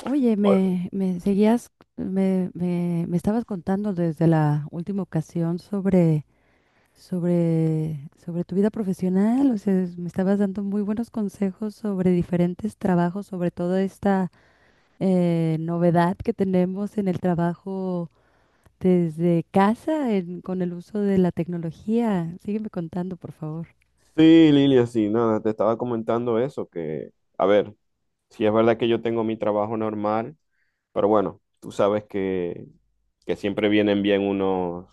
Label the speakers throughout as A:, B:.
A: Oye,
B: Bueno,
A: me seguías, me estabas contando desde la última ocasión sobre tu vida profesional, o sea, me estabas dando muy buenos consejos sobre diferentes trabajos, sobre toda esta novedad que tenemos en el trabajo desde casa, con el uso de la tecnología. Sígueme contando, por favor.
B: sí, Lilia, sí, nada, te estaba comentando eso, que, a ver, sí es verdad que yo tengo mi trabajo normal, pero bueno, tú sabes que siempre vienen bien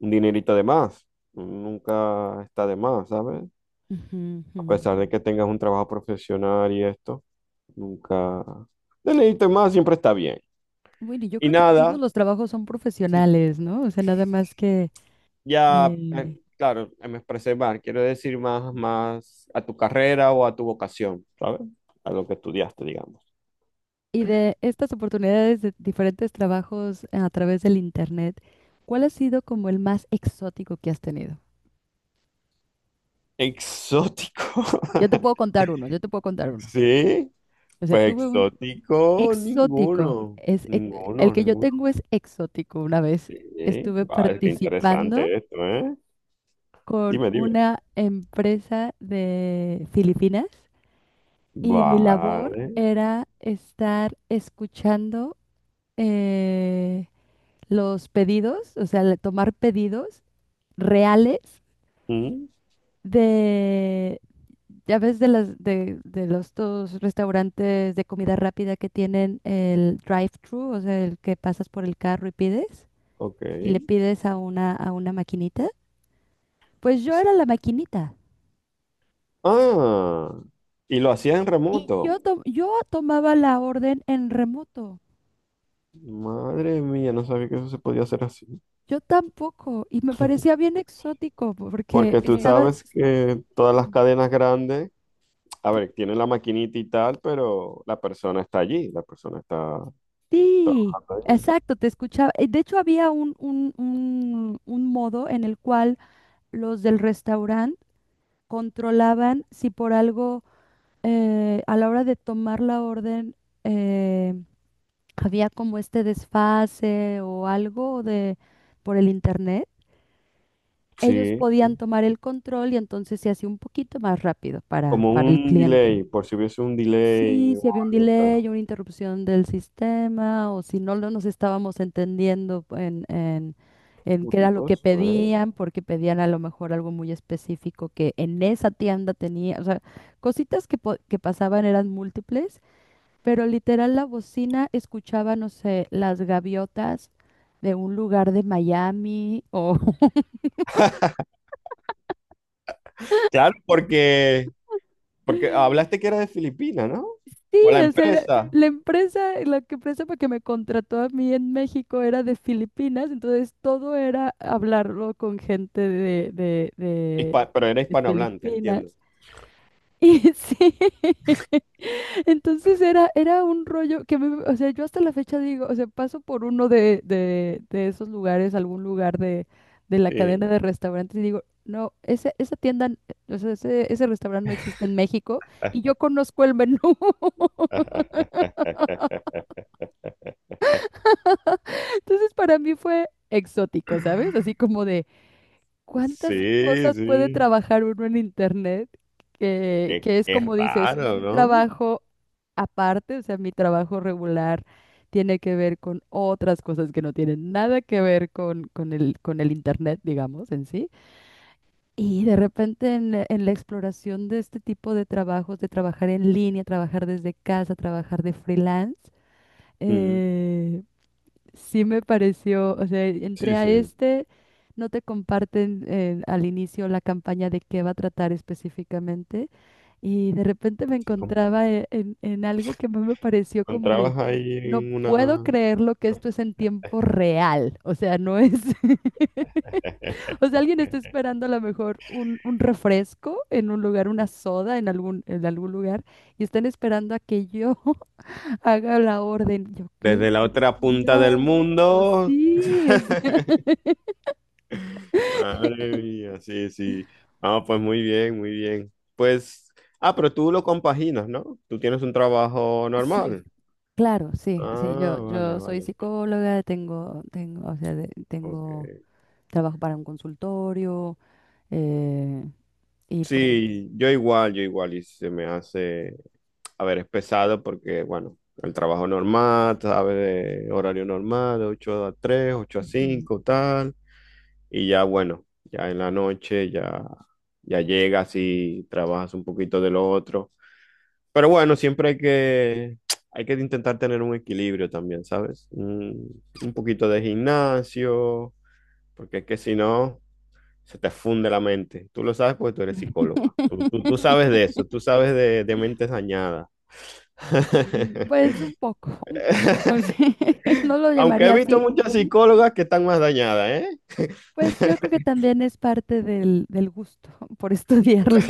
B: un dinerito de más, nunca está de más, ¿sabes?
A: Ujú,
B: A
A: ujú.
B: pesar de que tengas un trabajo profesional y esto, nunca, dinerito de más siempre está bien.
A: Bueno, y yo
B: Y
A: creo que todos
B: nada,
A: los trabajos son
B: sí.
A: profesionales, ¿no? O sea, nada más que.
B: Ya,
A: eh,
B: claro, me expresé mal. Quiero decir más a tu carrera o a tu vocación, ¿sabes? A lo que estudiaste, digamos.
A: Y de estas oportunidades de diferentes trabajos a través del internet, ¿cuál ha sido como el más exótico que has tenido?
B: Exótico.
A: Yo te puedo contar uno, yo te puedo contar uno.
B: Sí,
A: O sea,
B: pues
A: tuve un
B: exótico
A: exótico.
B: ninguno.
A: El
B: Ninguno,
A: que yo
B: ninguno.
A: tengo es exótico. Una vez
B: Sí,
A: estuve
B: vale, qué
A: participando
B: interesante esto, ¿eh?
A: con
B: Dime, dime.
A: una empresa de Filipinas y mi labor
B: Vale.
A: era estar escuchando eh, los pedidos, o sea, tomar pedidos reales
B: Mm,
A: de, ya ves, de los dos restaurantes de comida rápida que tienen el drive-thru, o sea, el que pasas por el carro y pides,
B: ok.
A: y le pides a una maquinita. Pues yo
B: Pues-
A: era la maquinita.
B: Ah, y lo hacía en
A: Y
B: remoto.
A: yo tomaba la orden en remoto.
B: Madre mía, no sabía que eso se podía hacer así.
A: Yo tampoco. Y me parecía bien exótico porque
B: Porque tú, sí,
A: estaba.
B: sabes que todas
A: Sí,
B: las cadenas grandes, a ver, tienen la maquinita y tal, pero la persona está allí, la persona está
A: sí,
B: trabajando allí.
A: exacto, te escuchaba. De hecho, había un modo en el cual los del restaurante controlaban si por algo a la hora de tomar la orden eh, había como este desfase o algo de por el internet. Ellos
B: Sí,
A: podían tomar el control y entonces se hacía un poquito más rápido para,
B: como
A: para el
B: un
A: cliente.
B: delay, por si hubiese un delay
A: Sí, si
B: o
A: había un
B: algo, claro.
A: delay, una interrupción del sistema, o si no nos estábamos entendiendo en qué era lo que
B: Curioso, ¿eh?
A: pedían, porque pedían a lo mejor algo muy específico que en esa tienda tenía, o sea, cositas que, que pasaban eran múltiples, pero literal la bocina escuchaba, no sé, las gaviotas de un lugar de Miami.
B: Claro, porque, hablaste que era de Filipinas, ¿no?
A: Sí,
B: O la
A: o sea,
B: empresa,
A: la empresa, la que empresa para que me contrató a mí en México era de Filipinas, entonces todo era hablarlo con gente de, de, de,
B: Pero era
A: de
B: hispanohablante,
A: Filipinas.
B: entiendo.
A: Y sí, entonces era un rollo que me, o sea, yo hasta la fecha digo, o sea, paso por uno de esos lugares, algún lugar de la cadena
B: Sí.
A: de restaurantes y digo, no, esa tienda, o sea, ese restaurante no existe en México y yo conozco el menú. Entonces para mí fue exótico, ¿sabes? Así como de cuántas
B: Sí,
A: cosas puede
B: sí.
A: trabajar uno en internet
B: Qué,
A: que es
B: qué
A: como dices, un
B: raro,
A: trabajo aparte, o sea, mi trabajo regular tiene que ver con otras cosas que no tienen nada que ver con el internet, digamos, en sí. Y de repente en la exploración de este tipo de trabajos, de trabajar en línea, trabajar desde casa, trabajar de freelance,
B: ¿no?
A: eh, sí me pareció, o sea,
B: Sí,
A: entré a
B: sí,
A: este, no te comparten al inicio la campaña de qué va a tratar específicamente, y de repente me
B: sí,
A: encontraba en algo que más me pareció como de,
B: encontrabas ahí
A: no
B: en
A: puedo
B: una.
A: creerlo que esto es en tiempo real, o sea, no es, o sea, alguien está esperando a lo mejor un refresco en un lugar, una soda en algún lugar, y están esperando a que yo haga la orden. Yo, qué
B: Desde la otra punta
A: dios
B: del mundo.
A: sí, o sea,
B: Madre mía, sí, sí. Ah, pues muy bien, muy bien. Pues, pero tú lo compaginas, ¿no? Tú tienes un trabajo
A: sí,
B: normal.
A: claro, sí, sí, yo,
B: Ah, vale,
A: yo soy
B: vale.
A: psicóloga, tengo, o sea,
B: Ok.
A: trabajo para un consultorio, eh, y pues,
B: Sí, yo igual, y se me hace, a ver, es pesado porque, bueno, el trabajo normal, sabes, de horario normal, de 8 a 3 ocho a
A: ujú.
B: cinco tal. Y ya bueno, ya en la noche ya llegas y trabajas un poquito de lo otro. Pero bueno, siempre hay que intentar tener un equilibrio también, ¿sabes? Un poquito de gimnasio, porque es que si no, se te funde la mente. Tú lo sabes porque tú eres psicóloga. Tú sabes de eso, tú sabes de mentes dañadas.
A: Mm, pues un poco, sí. No lo
B: Aunque he
A: llamaría
B: visto
A: así.
B: muchas psicólogas que están más dañadas,
A: Pues yo creo que también es parte del gusto por estudiarlo.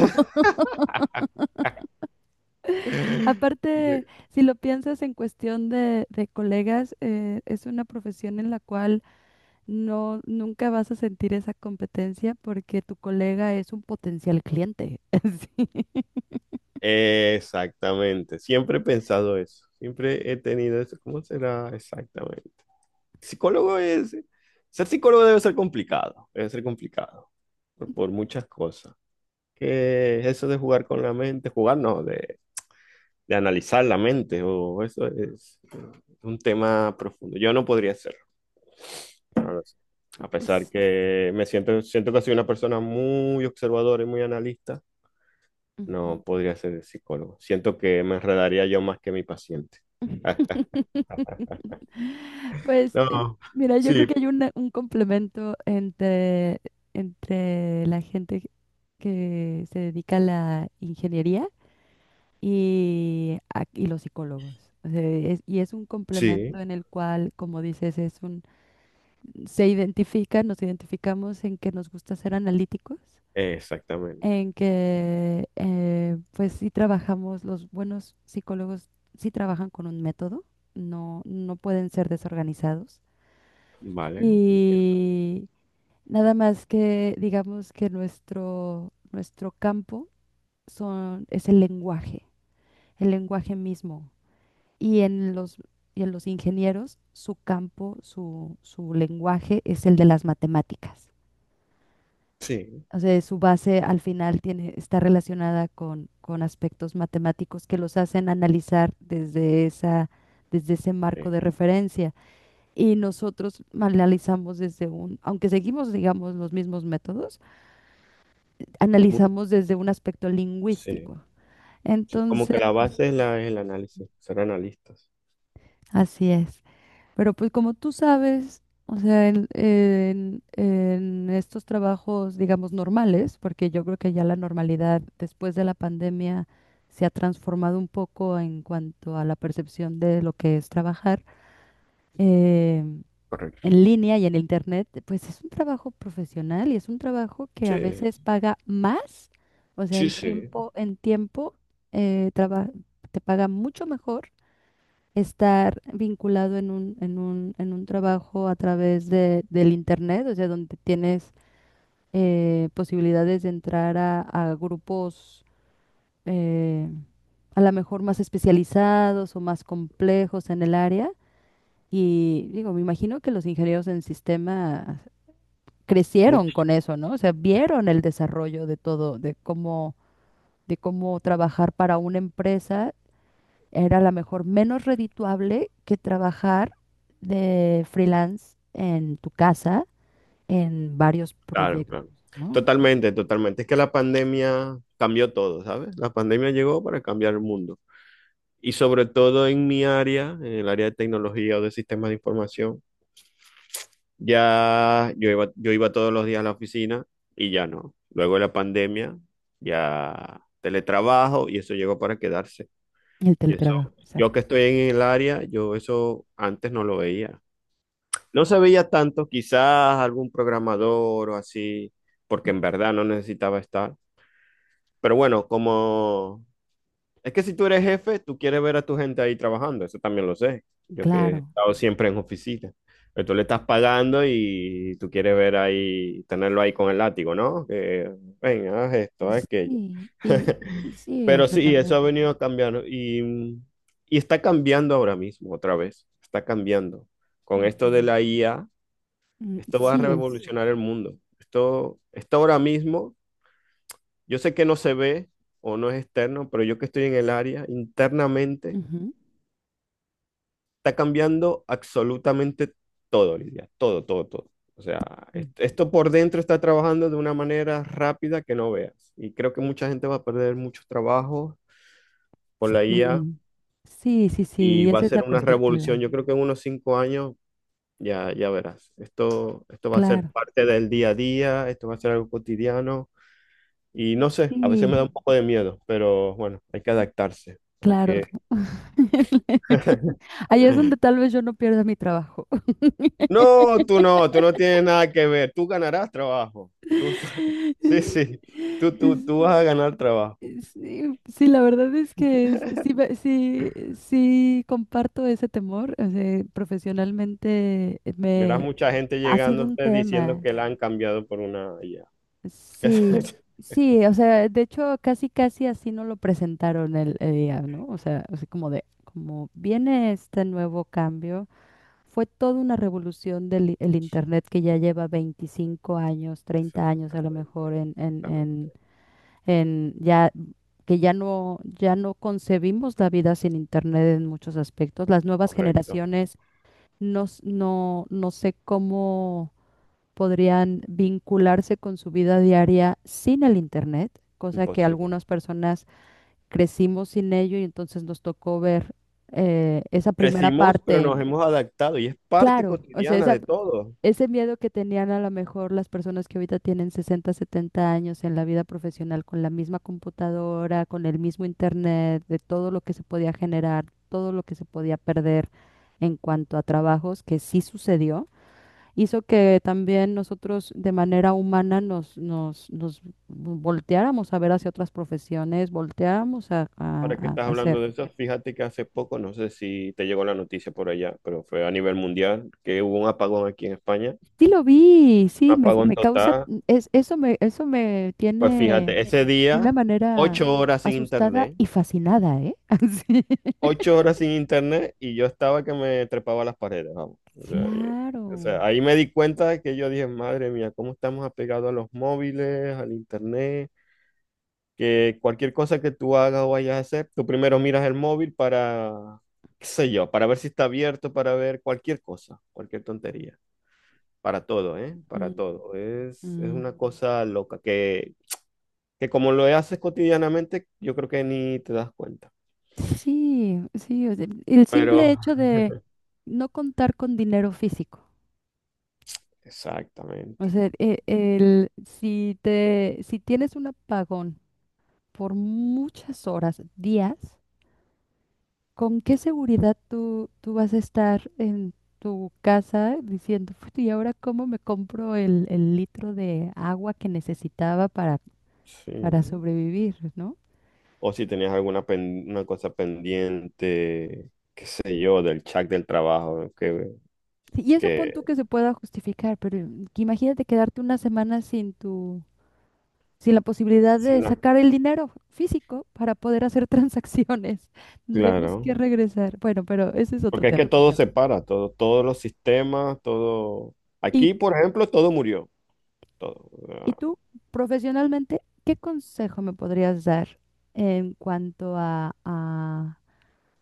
B: ¿eh?
A: Aparte, si lo piensas en cuestión de colegas, es una profesión en la cual no, nunca vas a sentir esa competencia porque tu colega es un potencial cliente. Sí.
B: Exactamente, siempre he pensado eso, siempre he tenido eso. ¿Cómo será exactamente? Psicólogo es, ser psicólogo debe ser complicado por muchas cosas. Que eso de jugar con la mente, jugar no, de analizar la mente, o eso es un tema profundo. Yo no podría hacerlo, no lo sé. A pesar
A: Ps,
B: que siento que soy una persona muy observadora y muy analista.
A: Ujú.
B: No podría ser el psicólogo. Siento que me enredaría yo más que mi paciente.
A: Pues
B: No,
A: mira, yo creo que
B: sí,
A: hay un complemento entre la gente que se dedica a la ingeniería y los psicólogos. O sea, y es un complemento
B: sí,
A: en el cual, como dices, es un, se identifican, nos identificamos en que nos gusta ser analíticos
B: exactamente.
A: en que pues sí trabajamos, los buenos psicólogos sí trabajan con un método, no, no pueden ser desorganizados.
B: Vale,
A: Y nada más que digamos que nuestro campo es el lenguaje mismo. Y en los, y en los ingenieros, su campo, su lenguaje es el de las matemáticas.
B: sí,
A: O sea, su base al final está relacionada con aspectos matemáticos que los hacen analizar desde ese marco
B: sí,
A: de referencia. Y nosotros analizamos aunque seguimos, digamos, los mismos métodos,
B: Mu-
A: analizamos desde un aspecto
B: sí,
A: lingüístico.
B: sí. Como
A: Entonces,
B: que la base es, el análisis, ser analistas.
A: así es. Pero pues como tú sabes, o sea, en estos trabajos, digamos, normales, porque yo creo que ya la normalidad después de la pandemia se ha transformado un poco en cuanto a la percepción de lo que es trabajar eh,
B: Correcto.
A: en línea y en internet, pues es un trabajo profesional y es un trabajo que a
B: Sí,
A: veces paga más, o sea,
B: sí,
A: en
B: sí.
A: tiempo, eh, traba- te paga mucho mejor estar vinculado en un trabajo a través del internet, o sea, donde tienes posibilidades de entrar a grupos eh, a lo mejor más especializados o más complejos en el área. Y digo, me imagino que los ingenieros en sistema crecieron
B: Mucho,
A: con eso, ¿no? O sea, vieron el desarrollo de todo, de cómo trabajar para una empresa. Era a lo mejor menos redituable que trabajar de freelance en tu casa en varios
B: claro,
A: proyectos,
B: claro.
A: ¿no?
B: Totalmente, totalmente. Es que la pandemia cambió todo, ¿sabes? La pandemia llegó para cambiar el mundo. Y sobre todo en mi área, en el área de tecnología o de sistemas de información. Ya yo iba todos los días a la oficina y ya no. Luego de la pandemia, ya teletrabajo y eso llegó para quedarse.
A: El
B: Y eso,
A: teletrabajo,
B: yo que
A: exacto.
B: estoy en el área, yo eso antes no lo veía. No se veía tanto, quizás algún programador o así, porque en verdad no necesitaba estar. Pero bueno, como es que si tú eres jefe, tú quieres ver a tu gente ahí trabajando, eso también lo sé. Yo que he
A: Claro.
B: estado siempre en oficina. Pero tú le estás pagando y tú quieres ver ahí, tenerlo ahí con el látigo, ¿no? Que, ven, haz esto, haz aquello.
A: Sí, y sí, o
B: Pero
A: sea,
B: sí, eso ha
A: también.
B: venido a cambiar, ¿no?, y está cambiando ahora mismo, otra vez. Está cambiando. Con esto de
A: Ujú.
B: la IA,
A: Mm,
B: esto va a
A: sí es.
B: revolucionar el mundo. Esto ahora mismo yo sé que no se ve o no es externo, pero yo que estoy en el área, internamente,
A: Ujú.
B: está cambiando absolutamente todo, Lidia. Todo, todo, todo. O sea, esto por dentro está trabajando de una manera rápida que no veas. Y creo que mucha gente va a perder muchos trabajos por la IA
A: Sí, sí, sí, sí,
B: y
A: sí,
B: va a
A: esa es
B: ser
A: la
B: una
A: perspectiva.
B: revolución. Yo creo que en unos 5 años ya verás. Esto va a ser
A: Claro,
B: parte del día a día, esto va a ser algo cotidiano. Y no sé, a veces me
A: sí,
B: da un poco de miedo, pero bueno, hay que adaptarse. Hay
A: claro.
B: que.
A: Ahí es donde tal vez yo no pierda mi trabajo.
B: No, tú no, tú no tienes nada que ver. Tú ganarás trabajo. Tú, tú- sí, sí, tú vas a ganar trabajo.
A: Sí, sí, la verdad es que sí, sí comparto ese temor. O sea, profesionalmente
B: Verás
A: me
B: mucha gente
A: ha sido un
B: llegándote diciendo
A: tema.
B: que la han cambiado por una IA.
A: Sí, sí, o sea, de hecho casi casi así no lo presentaron el día, ¿no? O sea, así como como viene este nuevo cambio, fue toda una revolución del i- el Internet que ya lleva 25 años, 30 años a lo
B: Exactamente,
A: mejor
B: exactamente.
A: en ya que ya no concebimos la vida sin internet en muchos aspectos. Las nuevas
B: Correcto.
A: generaciones no sé cómo podrían vincularse con su vida diaria sin el internet, cosa que
B: Imposible.
A: algunas personas crecimos sin ello y entonces nos tocó ver esa primera
B: Crecimos, pero nos
A: parte.
B: hemos adaptado y es parte
A: Claro, o sea,
B: cotidiana
A: esa,
B: de todo.
A: ese miedo que tenían a lo mejor las personas que ahorita tienen 60 70 años en la vida profesional con la misma computadora, con el mismo internet, de todo lo que se podía generar, todo lo que se podía perder en cuanto a trabajos, que sí sucedió, hizo que también nosotros de manera humana nos volteáramos a ver hacia otras profesiones, volteáramos a, a
B: Ahora que
A: a-
B: estás
A: a
B: hablando
A: hacer.
B: de eso, fíjate que hace poco, no sé si te llegó la noticia por allá, pero fue a nivel mundial que hubo un apagón aquí en España.
A: Sí lo vi,
B: Un
A: sí, me,
B: apagón
A: me causa,
B: total.
A: eso me
B: Pues
A: tiene
B: fíjate, ese
A: de una
B: día,
A: manera
B: 8 horas sin
A: asustada
B: internet,
A: y fascinada, ¿eh? Así.
B: 8 horas sin internet y yo estaba que me trepaba a las paredes, vamos. O sea,
A: Claro.
B: o sea, ahí me di cuenta de que yo dije, madre mía, cómo estamos apegados a los móviles, al internet, que cualquier cosa que tú hagas o vayas a hacer, tú primero miras el móvil para, qué sé yo, para ver si está abierto, para ver cualquier cosa, cualquier tontería. Para todo, ¿eh? Para
A: Mm,
B: todo. Es
A: mm.
B: una cosa loca que como lo haces cotidianamente, yo creo que ni te das cuenta.
A: Sí, sí, o sea, el
B: Pero.
A: simple hecho
B: Mm.
A: de no contar con dinero físico. O
B: Exactamente,
A: sea, e- el, si te, si tienes un apagón por muchas horas, días, ¿con qué seguridad tú vas a estar en tu casa diciendo, "Puta, ¿y ahora cómo me compro el litro de agua que necesitaba para
B: sí.
A: sobrevivir, ¿no?
B: O si tenías alguna una cosa pendiente, qué sé yo, del chat del trabajo, que,
A: Sí, y eso pon tú
B: que,
A: que se pueda justificar, pero que imagínate quedarte una semana sin la posibilidad
B: sí,
A: de
B: no,
A: sacar el dinero físico para poder hacer transacciones. Tendríamos
B: claro.
A: que regresar. Bueno, pero ese es otro
B: Porque es
A: tema.
B: que todo se para, todo, todos los sistemas, todo.
A: Y,
B: Aquí, por ejemplo, todo murió, todo. O
A: y
B: sea,
A: tú, profesionalmente, ¿qué consejo me podrías dar en cuanto a, a,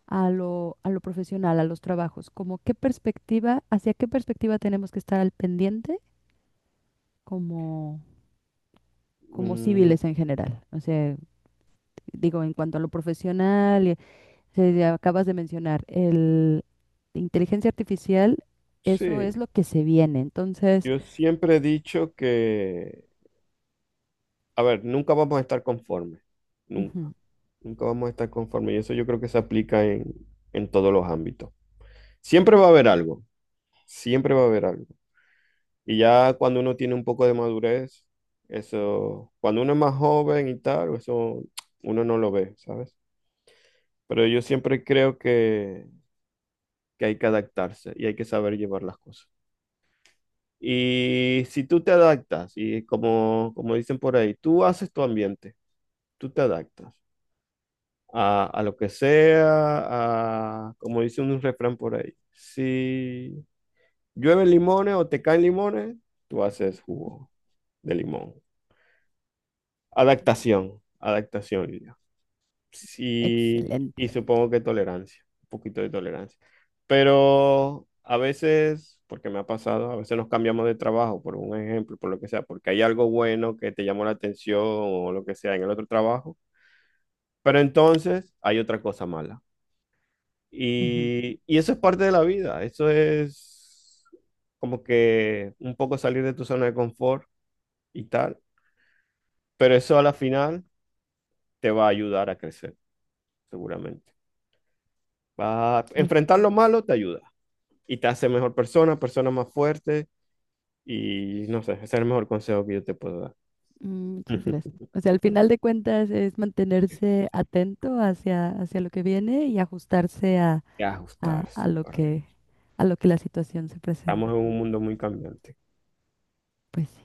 A: a lo, a lo profesional, a los trabajos? Como qué perspectiva, hacia qué perspectiva tenemos que estar al pendiente como como
B: mm,
A: civiles en general. O sea, digo, en cuanto a lo profesional, ya acabas de mencionar, el inteligencia artificial, eso es
B: sí,
A: lo que se viene. Entonces,
B: yo siempre he dicho que, a ver, nunca vamos a estar conformes, nunca.
A: ujú,
B: Nunca vamos a estar conformes. Y eso yo creo que se aplica en todos los ámbitos. Siempre va a haber algo, siempre va a haber algo. Y ya cuando uno tiene un poco de madurez, eso, cuando uno es más joven y tal, eso uno no lo ve, ¿sabes? Pero yo siempre creo que hay que adaptarse y hay que saber llevar las cosas. Y si tú te adaptas, y como dicen por ahí, tú haces tu ambiente, tú te adaptas, a lo que sea, como dice un refrán por ahí, si llueve limones o te caen limones, tú haces jugo de limón. Adaptación, adaptación, Lidia. Sí, y
A: excelente.
B: supongo que tolerancia, un poquito de tolerancia. Pero a veces, porque me ha pasado, a veces nos cambiamos de trabajo, por un ejemplo, por lo que sea, porque hay algo bueno que te llamó la atención o lo que sea en el otro trabajo, pero entonces hay otra cosa mala.
A: Ujú,
B: Y eso es parte de la vida, eso es como que un poco salir de tu zona de confort y tal, pero eso a la final te va a ayudar a crecer, seguramente. Va a
A: eh,
B: enfrentar lo malo te ayuda y te hace mejor persona, persona más fuerte y no sé, ese es el mejor consejo que yo te puedo dar.
A: muchas gracias. O sea, al final de cuentas es mantenerse atento hacia lo que viene y ajustarse
B: Y
A: a,
B: ajustarse,
A: a lo que,
B: correcto.
A: a lo que la situación se
B: Estamos
A: presente.
B: en un mundo muy cambiante.
A: Pues sí.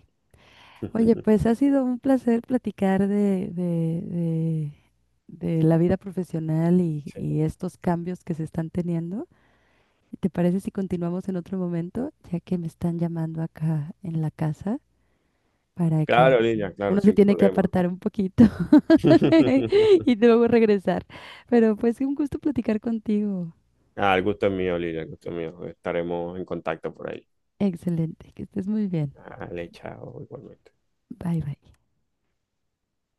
A: Oye, pues ha sido un placer platicar de la vida profesional y
B: Sí.
A: estos cambios que se están teniendo. ¿Te parece si continuamos en otro momento, ya que me están llamando acá en la casa para que
B: Claro, Lidia, claro,
A: uno se
B: sin
A: tiene que
B: problema.
A: apartar un poquito y luego regresar? Pero pues un gusto platicar contigo.
B: Ah, el gusto es mío, Lidia, el gusto es mío. Estaremos en contacto por ahí.
A: Excelente, que estés muy bien.
B: Dale, chao, igualmente.
A: Bye bye.